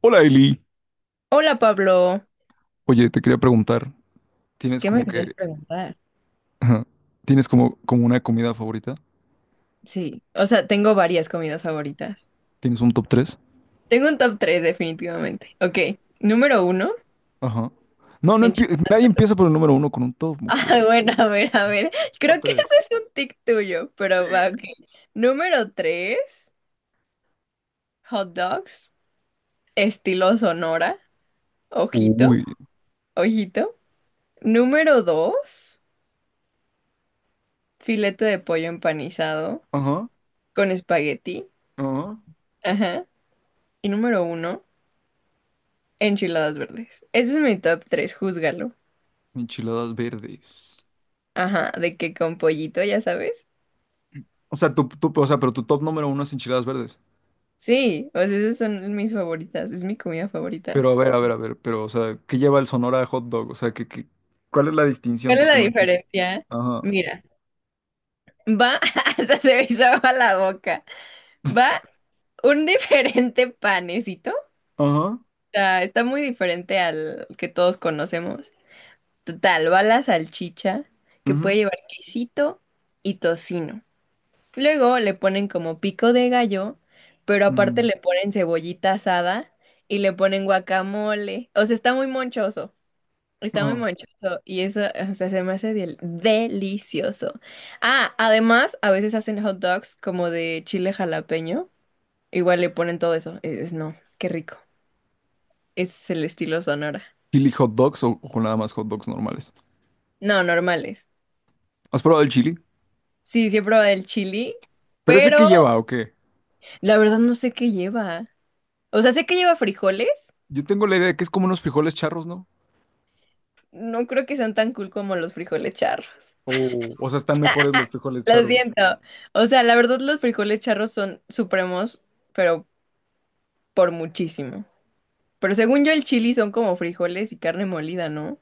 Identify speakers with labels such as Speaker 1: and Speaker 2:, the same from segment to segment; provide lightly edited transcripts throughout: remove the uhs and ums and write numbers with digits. Speaker 1: Hola Eli,
Speaker 2: Hola Pablo,
Speaker 1: oye, te quería preguntar, ¿tienes
Speaker 2: ¿qué me
Speaker 1: como
Speaker 2: querías
Speaker 1: que,
Speaker 2: preguntar?
Speaker 1: ajá, tienes como, como una comida favorita?
Speaker 2: Sí, o sea, tengo varias comidas favoritas.
Speaker 1: ¿Tienes un top tres?
Speaker 2: Tengo un top 3 definitivamente. Ok, número uno.
Speaker 1: Ajá.
Speaker 2: en chi-
Speaker 1: Nadie empieza por el número uno con un top, mujer.
Speaker 2: Ah, bueno, a ver, a ver.
Speaker 1: Top
Speaker 2: Creo que ese
Speaker 1: tres.
Speaker 2: es un tic tuyo, pero va, ok. Número tres, hot dogs, estilo Sonora, ojito,
Speaker 1: Uy.
Speaker 2: ojito. Número 2, filete de pollo empanizado
Speaker 1: Ajá,
Speaker 2: con espagueti.
Speaker 1: ajá.
Speaker 2: Ajá. Y número uno, enchiladas verdes. Ese es mi top 3. Júzgalo.
Speaker 1: Enchiladas verdes.
Speaker 2: Ajá, de que con pollito, ya sabes.
Speaker 1: O sea, o sea, pero tu top número uno es enchiladas verdes.
Speaker 2: Sí, o sea, esas son mis favoritas, es mi comida favorita.
Speaker 1: Pero a ver, a ver, a ver, pero, o sea, ¿qué lleva el Sonora hot dog? O sea, ¿cuál es la distinción?
Speaker 2: ¿Cuál es la
Speaker 1: Porque no entiendo.
Speaker 2: diferencia?
Speaker 1: Ajá,
Speaker 2: Mira, va, hasta se me hizo agua la boca. Va un diferente panecito. O
Speaker 1: ajá,
Speaker 2: sea, está muy diferente al que todos conocemos. Total, va la salchicha, que
Speaker 1: ujú,
Speaker 2: puede llevar quesito y tocino. Luego le ponen como pico de gallo, pero aparte
Speaker 1: ujú,
Speaker 2: le ponen cebollita asada y le ponen guacamole. O sea, está muy monchoso. Está muy
Speaker 1: ajá.
Speaker 2: monchoso y eso, o sea, se me hace delicioso. Ah, además, a veces hacen hot dogs como de chile jalapeño. Igual le ponen todo eso. Es, no, qué rico. Ese es el estilo Sonora.
Speaker 1: ¿Chili hot dogs o nada más hot dogs normales?
Speaker 2: No, normales.
Speaker 1: ¿Has probado el chili?
Speaker 2: Sí, sí he probado el chili,
Speaker 1: ¿Pero ese qué
Speaker 2: pero
Speaker 1: lleva o qué?
Speaker 2: la verdad no sé qué lleva. O sea, sé que lleva frijoles.
Speaker 1: Yo tengo la idea de que es como unos frijoles charros, ¿no?
Speaker 2: No creo que sean tan cool como los frijoles charros.
Speaker 1: O sea, están mejores los frijoles
Speaker 2: Lo
Speaker 1: charros.
Speaker 2: siento. O sea, la verdad los frijoles charros son supremos, pero por muchísimo. Pero según yo el chili son como frijoles y carne molida, ¿no?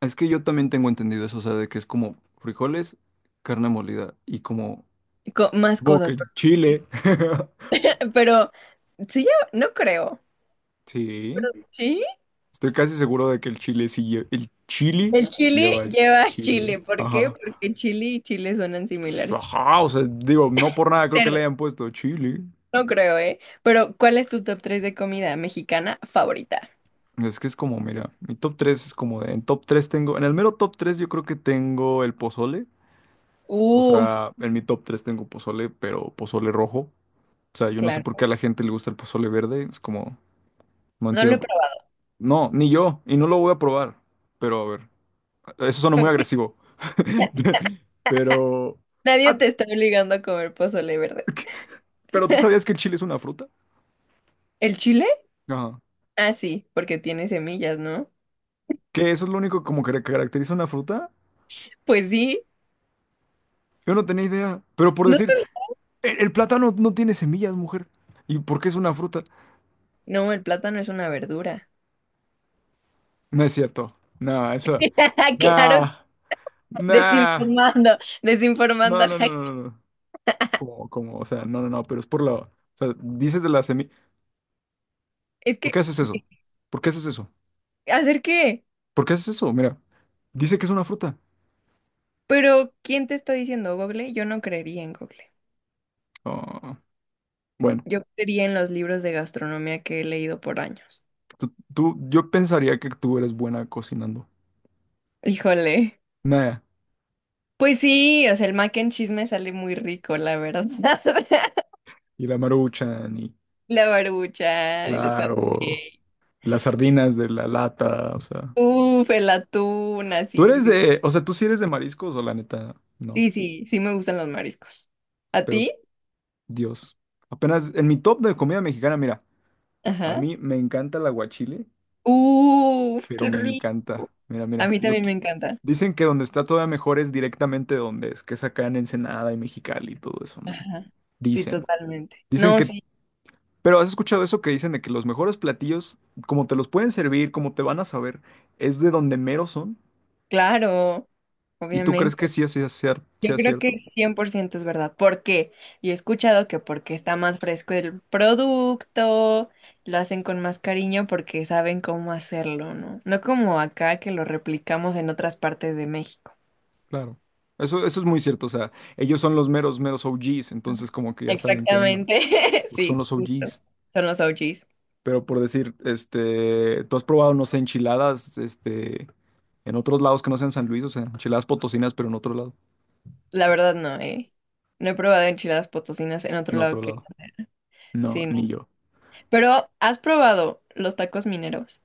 Speaker 1: Es que yo también tengo entendido eso, o sea, de que es como frijoles, carne molida y como...
Speaker 2: Más
Speaker 1: Supongo que
Speaker 2: cosas,
Speaker 1: el
Speaker 2: pero,
Speaker 1: chile.
Speaker 2: pero sí, yo no creo.
Speaker 1: Sí.
Speaker 2: ¿Sí?
Speaker 1: Estoy casi seguro de que el chile sí lleva. El chili
Speaker 2: El
Speaker 1: sí
Speaker 2: chili
Speaker 1: lleva
Speaker 2: lleva
Speaker 1: chile.
Speaker 2: chile. ¿Por qué?
Speaker 1: Ajá.
Speaker 2: Porque chili y chile suenan
Speaker 1: Pues
Speaker 2: similares.
Speaker 1: ajá. O sea, digo, no por nada creo que
Speaker 2: Pero
Speaker 1: le hayan puesto chile.
Speaker 2: no creo, ¿eh? Pero ¿cuál es tu top 3 de comida mexicana favorita?
Speaker 1: Es que es como, mira, mi top 3 es como de. En top 3 tengo. En el mero top 3 yo creo que tengo el pozole. O
Speaker 2: Uf,
Speaker 1: sea, en mi top 3 tengo pozole, pero pozole rojo. O sea, yo no sé por qué
Speaker 2: claro.
Speaker 1: a la gente le gusta el pozole verde. Es como, no
Speaker 2: No lo he
Speaker 1: entiendo.
Speaker 2: probado.
Speaker 1: No, ni yo. Y no lo voy a probar. Pero a ver, eso suena muy agresivo. Pero...
Speaker 2: Nadie
Speaker 1: Ah,
Speaker 2: te está obligando a comer pozole verde.
Speaker 1: pero ¿tú sabías que el chile es una fruta?
Speaker 2: ¿El chile?
Speaker 1: Ajá.
Speaker 2: Ah, sí, porque tiene semillas, ¿no?
Speaker 1: Que eso es lo único como que caracteriza una fruta.
Speaker 2: Pues sí.
Speaker 1: Yo no tenía idea. Pero por
Speaker 2: No,
Speaker 1: decir,
Speaker 2: sé.
Speaker 1: el plátano no tiene semillas, mujer. ¿Y por qué es una fruta?
Speaker 2: No, el plátano es una verdura.
Speaker 1: No es cierto. No, eso...
Speaker 2: Claro,
Speaker 1: Nah. Nah.
Speaker 2: desinformando, desinformando
Speaker 1: No,
Speaker 2: a la
Speaker 1: no, no, no,
Speaker 2: gente.
Speaker 1: no, no. Como, como, o sea, no, no, no, pero es por la, o sea, dices de la semilla,
Speaker 2: Es
Speaker 1: ¿por qué
Speaker 2: que,
Speaker 1: haces eso? ¿Por qué haces eso?
Speaker 2: ¿hacer qué?
Speaker 1: ¿Por qué haces eso? Mira, dice que es una fruta.
Speaker 2: Pero, ¿quién te está diciendo, Google? Yo no creería en Google.
Speaker 1: Ah, bueno,
Speaker 2: Yo creería en los libros de gastronomía que he leído por años.
Speaker 1: yo pensaría que tú eres buena cocinando.
Speaker 2: Híjole.
Speaker 1: Nada,
Speaker 2: Pues sí, o sea, el mac and cheese me sale muy rico, la verdad.
Speaker 1: y la maruchan, y
Speaker 2: La barbucha y los hot
Speaker 1: claro,
Speaker 2: cakes.
Speaker 1: las sardinas de la lata, o sea,
Speaker 2: Uf, el atún,
Speaker 1: tú
Speaker 2: así.
Speaker 1: eres
Speaker 2: Sí,
Speaker 1: de, o sea, tú sí eres de mariscos o la neta, no,
Speaker 2: sí, sí, sí me gustan los mariscos. ¿A
Speaker 1: pero
Speaker 2: ti?
Speaker 1: Dios, apenas en mi top de comida mexicana, mira, a
Speaker 2: Ajá.
Speaker 1: mí me encanta el aguachile,
Speaker 2: Uf,
Speaker 1: pero
Speaker 2: qué
Speaker 1: me
Speaker 2: rico.
Speaker 1: encanta. Mira,
Speaker 2: A
Speaker 1: mira,
Speaker 2: mí también me encanta.
Speaker 1: dicen que donde está todavía mejor es directamente donde es, que es acá en Ensenada y Mexicali y todo eso, ¿no?
Speaker 2: Ajá. Sí,
Speaker 1: Dicen.
Speaker 2: totalmente.
Speaker 1: Dicen
Speaker 2: No,
Speaker 1: que,
Speaker 2: sí,
Speaker 1: pero has escuchado eso que dicen de que los mejores platillos, como te los pueden servir, como te van a saber, es de donde mero son.
Speaker 2: claro,
Speaker 1: ¿Y tú crees que
Speaker 2: obviamente.
Speaker 1: sea,
Speaker 2: Yo
Speaker 1: sea
Speaker 2: creo que
Speaker 1: cierto?
Speaker 2: 100% es verdad. ¿Por qué? Yo he escuchado que porque está más fresco el producto, lo hacen con más cariño porque saben cómo hacerlo, ¿no? No como acá que lo replicamos en otras partes de México.
Speaker 1: Claro. Eso es muy cierto, o sea, ellos son los meros, meros OGs, entonces como que ya saben qué onda,
Speaker 2: Exactamente,
Speaker 1: porque son
Speaker 2: sí,
Speaker 1: los
Speaker 2: justo.
Speaker 1: OGs.
Speaker 2: Son los OGs.
Speaker 1: Pero por decir, este, tú has probado, no sé, enchiladas, este, en otros lados que no sean San Luis, o sea, enchiladas potosinas, pero en otro lado.
Speaker 2: La verdad no, eh. No he probado enchiladas potosinas en otro
Speaker 1: En otro
Speaker 2: lado que
Speaker 1: lado. No,
Speaker 2: sí, no.
Speaker 1: ni yo.
Speaker 2: Pero, ¿has probado los tacos mineros?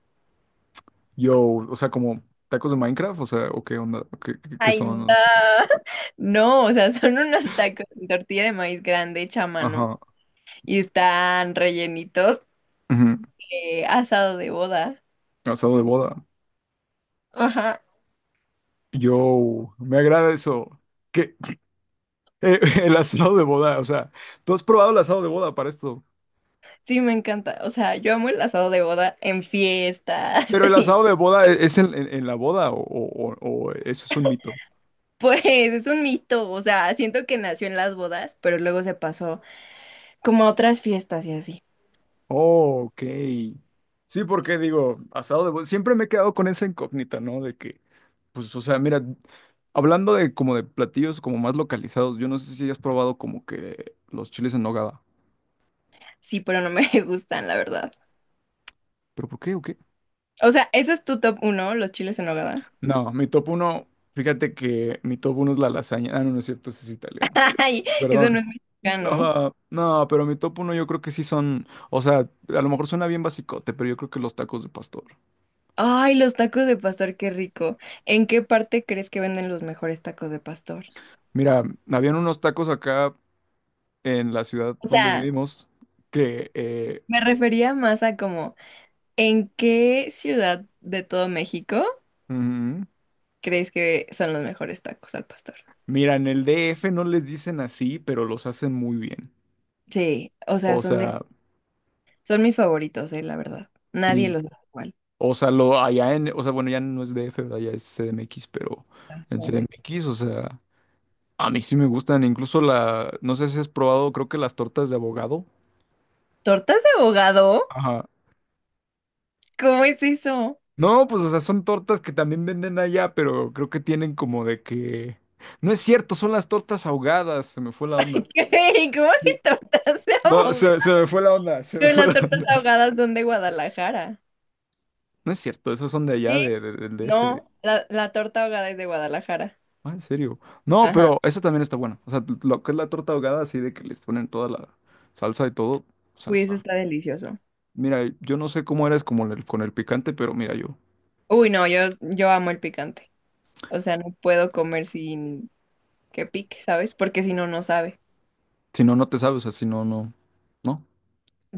Speaker 1: Yo, o sea, como tacos de Minecraft, o sea, o qué onda, ¿qué
Speaker 2: Ay,
Speaker 1: son?
Speaker 2: no.
Speaker 1: O sea,
Speaker 2: No, o sea, son unos tacos de tortilla de maíz grande hecha a mano
Speaker 1: ajá,
Speaker 2: y están rellenitos
Speaker 1: ujú.
Speaker 2: de asado de boda.
Speaker 1: Asado de boda.
Speaker 2: Ajá,
Speaker 1: Yo, me agrada eso. ¿Qué? Eh, el asado de boda, o sea, tú has probado el asado de boda para esto.
Speaker 2: sí, me encanta. O sea, yo amo el asado de boda en fiestas
Speaker 1: Pero el
Speaker 2: y
Speaker 1: asado de boda es en en la boda o o eso es un mito.
Speaker 2: pues es un mito. O sea, siento que nació en las bodas, pero luego se pasó. Como otras fiestas y así.
Speaker 1: Oh, ok. Sí, porque digo, asado de... Siempre me he quedado con esa incógnita, ¿no? De que, pues, o sea, mira, hablando de como de platillos como más localizados, yo no sé si has probado como que los chiles en nogada.
Speaker 2: Sí, pero no me gustan, la verdad.
Speaker 1: ¿Pero por qué o qué?
Speaker 2: O sea, ese es tu top uno, los chiles en nogada.
Speaker 1: No, mi top uno, fíjate que mi top uno es la lasaña. Ah, no, no es cierto, ese es italiano.
Speaker 2: Ay, eso no
Speaker 1: Perdón.
Speaker 2: es mexicano.
Speaker 1: Ajá, no, pero mi top uno yo creo que sí son, o sea, a lo mejor suena bien basicote, pero yo creo que los tacos de pastor.
Speaker 2: Ay, los tacos de pastor, qué rico. ¿En qué parte crees que venden los mejores tacos de pastor?
Speaker 1: Mira, habían unos tacos acá en la ciudad
Speaker 2: O
Speaker 1: donde
Speaker 2: sea,
Speaker 1: vivimos que
Speaker 2: me refería más a como, ¿en qué ciudad de todo México
Speaker 1: mm,
Speaker 2: crees que son los mejores tacos al pastor?
Speaker 1: mira, en el DF no les dicen así, pero los hacen muy bien.
Speaker 2: Sí, o sea,
Speaker 1: O
Speaker 2: son de,
Speaker 1: sea,
Speaker 2: son mis favoritos, la verdad. Nadie
Speaker 1: sí.
Speaker 2: los hace igual.
Speaker 1: O sea, lo allá en, o sea, bueno, ya no es DF, ¿verdad? Ya es CDMX, pero
Speaker 2: Tortas
Speaker 1: en
Speaker 2: de México.
Speaker 1: CDMX, o sea, a mí sí me gustan. Incluso la, no sé si has probado, creo que las tortas de abogado.
Speaker 2: ¿Tortas de abogado?
Speaker 1: Ajá.
Speaker 2: ¿Cómo es eso?
Speaker 1: No, pues, o sea, son tortas que también venden allá, pero creo que tienen como de que. No es cierto, son las tortas ahogadas, se me fue la onda.
Speaker 2: ¿Qué? ¿Cómo hay tortas de
Speaker 1: No,
Speaker 2: ahogadas?
Speaker 1: se me fue la onda, se me
Speaker 2: Pero
Speaker 1: fue
Speaker 2: las
Speaker 1: la
Speaker 2: tortas
Speaker 1: onda.
Speaker 2: ahogadas son de Guadalajara.
Speaker 1: No es cierto, esos son de allá,
Speaker 2: Sí.
Speaker 1: de, del DF.
Speaker 2: No, la torta ahogada es de Guadalajara.
Speaker 1: Ah, ¿en serio? No,
Speaker 2: Ajá.
Speaker 1: pero esa también está buena. O sea, lo que es la torta ahogada, así de que les ponen toda la salsa y todo. O sea,
Speaker 2: Uy, eso está delicioso.
Speaker 1: mira, yo no sé cómo eres como con el picante, pero mira, yo.
Speaker 2: Uy, no, yo amo el picante. O sea, no puedo comer sin que pique, ¿sabes? Porque si no, no sabe.
Speaker 1: Si no, no te sabes, o sea, si no, no. No.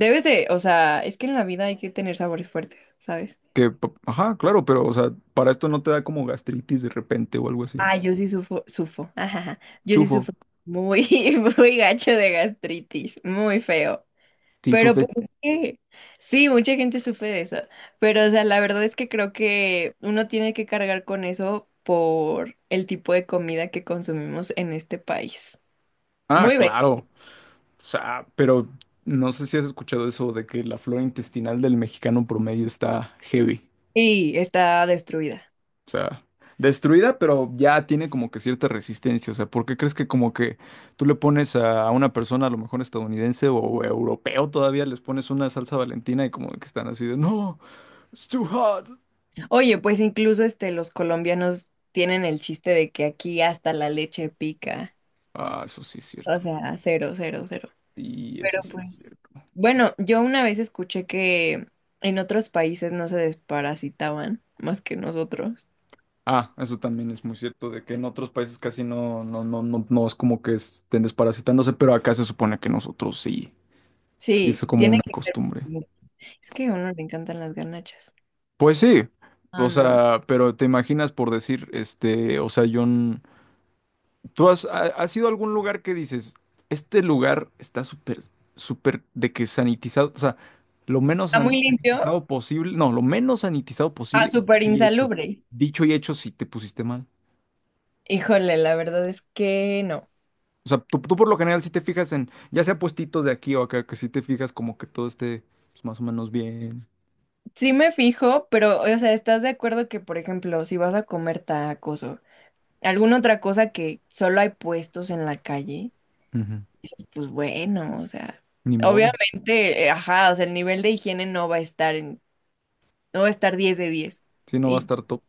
Speaker 2: Debes de, o sea, es que en la vida hay que tener sabores fuertes, ¿sabes?
Speaker 1: Que, ajá, claro, pero, o sea, para esto no te da como gastritis de repente o algo así.
Speaker 2: Ah, yo sí sufro, sufro. Ajá, ajá. Yo sí
Speaker 1: Sufo.
Speaker 2: sufro muy, muy gacho de gastritis. Muy feo.
Speaker 1: Sí,
Speaker 2: Pero pues
Speaker 1: sufes.
Speaker 2: es que sí, mucha gente sufre de eso. Pero o sea, la verdad es que creo que uno tiene que cargar con eso por el tipo de comida que consumimos en este país.
Speaker 1: Ah,
Speaker 2: Muy bien.
Speaker 1: claro. O sea, pero no sé si has escuchado eso de que la flora intestinal del mexicano promedio está heavy.
Speaker 2: Y está destruida.
Speaker 1: O sea, destruida, pero ya tiene como que cierta resistencia. O sea, ¿por qué crees que como que tú le pones a una persona, a lo mejor estadounidense o europeo todavía, les pones una salsa Valentina y como que están así de, no, it's too hot?
Speaker 2: Oye, pues incluso este los colombianos tienen el chiste de que aquí hasta la leche pica.
Speaker 1: Ah, eso sí es
Speaker 2: O
Speaker 1: cierto.
Speaker 2: sea, cero, cero, cero.
Speaker 1: Sí,
Speaker 2: Pero
Speaker 1: eso sí es
Speaker 2: pues,
Speaker 1: cierto.
Speaker 2: bueno, yo una vez escuché que en otros países no se desparasitaban más que nosotros.
Speaker 1: Ah, eso también es muy cierto, de que en otros países casi no, no, no, no, no es como que estén desparasitándose, pero acá se supone que nosotros sí. Sí,
Speaker 2: Sí,
Speaker 1: eso como
Speaker 2: tiene
Speaker 1: una
Speaker 2: que ser.
Speaker 1: costumbre.
Speaker 2: Es que a uno le encantan las garnachas.
Speaker 1: Pues sí,
Speaker 2: Ah,
Speaker 1: o
Speaker 2: no.
Speaker 1: sea, pero te imaginas por decir, este, o sea, John. ¿Tú has, has ido a algún lugar que dices, este lugar está súper, súper de que sanitizado, o sea, lo menos
Speaker 2: ¿Está muy limpio?
Speaker 1: sanitizado posible, no, lo menos sanitizado
Speaker 2: Ah,
Speaker 1: posible y dicho
Speaker 2: súper
Speaker 1: y hecho?
Speaker 2: insalubre.
Speaker 1: Dicho y hecho si te pusiste mal.
Speaker 2: Híjole, la verdad es que no.
Speaker 1: O sea, tú por lo general si te fijas en, ya sea puestitos de aquí o acá, que si te fijas como que todo esté pues, más o menos bien.
Speaker 2: Sí me fijo, pero, o sea, ¿estás de acuerdo que, por ejemplo, si vas a comer tacos o alguna otra cosa que solo hay puestos en la calle,
Speaker 1: Ujú.
Speaker 2: dices, pues bueno, o sea,
Speaker 1: Ni modo,
Speaker 2: obviamente, ajá, o sea, el nivel de higiene no va a estar en, no va a estar 10 de 10.
Speaker 1: si no va a
Speaker 2: Y,
Speaker 1: estar top.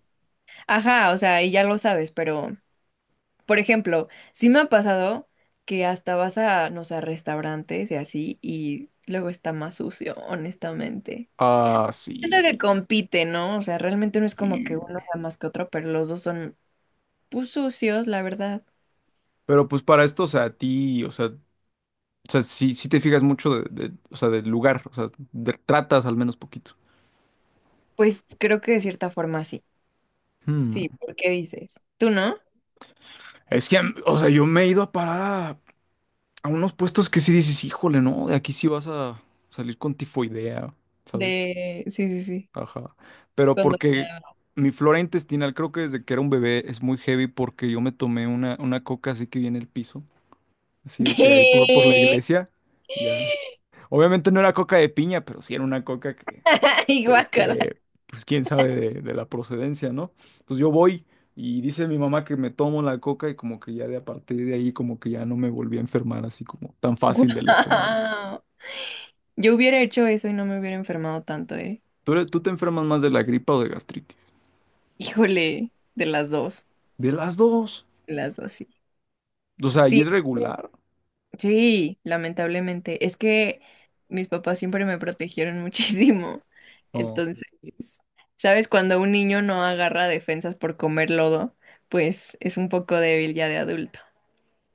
Speaker 2: ajá, o sea, y ya lo sabes, pero... Por ejemplo, sí me ha pasado que hasta vas a, no sé, a restaurantes y así, y luego está más sucio, honestamente.
Speaker 1: Ah,
Speaker 2: Siento
Speaker 1: sí.
Speaker 2: que compite, ¿no? O sea, realmente no es como que uno
Speaker 1: Y-
Speaker 2: sea más que otro, pero los dos son, pues, sucios, la verdad.
Speaker 1: Pero pues para esto, o sea, a ti, o sea, sí, sí te fijas mucho de, o sea, del lugar, o sea, tratas al menos poquito.
Speaker 2: Pues creo que de cierta forma sí.
Speaker 1: Hmm.
Speaker 2: Sí, ¿por qué dices? ¿Tú no?
Speaker 1: Es que, mm, o sea, yo me he ido a parar a unos puestos que sí dices, híjole, no, de aquí sí vas a salir con tifoidea, ¿sabes?
Speaker 2: De... Sí, sí, sí.
Speaker 1: Ajá. Pero
Speaker 2: Cuando...
Speaker 1: porque mi flora intestinal, creo que desde que era un bebé, es muy heavy porque yo me tomé una coca así que viene el piso, así de que ahí por la
Speaker 2: ¿Qué?
Speaker 1: iglesia, ya. Obviamente no era coca de piña, pero sí era una coca que...
Speaker 2: Ay, guácala.
Speaker 1: este, pues quién sabe de la procedencia, ¿no? Entonces yo voy y dice mi mamá que me tomo la coca y como que ya de a partir de ahí como que ya no me volví a enfermar así como tan fácil del estómago.
Speaker 2: Guau. Yo hubiera hecho eso y no me hubiera enfermado tanto, ¿eh?
Speaker 1: ¿Tú, tú te enfermas más de la gripa o de gastritis?
Speaker 2: Híjole,
Speaker 1: De las dos.
Speaker 2: de las dos, sí.
Speaker 1: O sea, ¿y
Speaker 2: Sí,
Speaker 1: es regular?
Speaker 2: sí, lamentablemente. Es que mis papás siempre me protegieron muchísimo.
Speaker 1: Oh,
Speaker 2: Entonces, ¿sabes? Cuando un niño no agarra defensas por comer lodo, pues es un poco débil ya de adulto.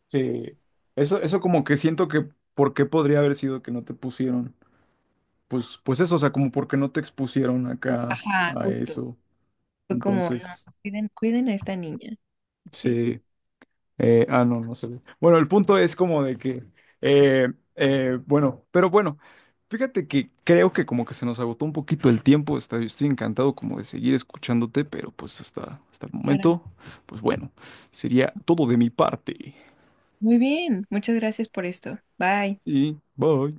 Speaker 1: sí. Eso como que siento que, ¿por qué podría haber sido que no te pusieron? Pues, pues eso, o sea, como porque no te expusieron acá
Speaker 2: Ajá,
Speaker 1: a
Speaker 2: justo.
Speaker 1: eso.
Speaker 2: Fue como,
Speaker 1: Entonces,
Speaker 2: no, cuiden, cuiden a esta niña. Sí,
Speaker 1: sí. Ah, no, no se ve. Bueno, el punto es como de que, bueno, pero bueno, fíjate que creo que como que se nos agotó un poquito el tiempo. Está, estoy encantado como de seguir escuchándote, pero pues hasta, hasta el
Speaker 2: claramente.
Speaker 1: momento, pues bueno, sería todo de mi parte.
Speaker 2: Muy bien, muchas gracias por esto. Bye.
Speaker 1: Y bye.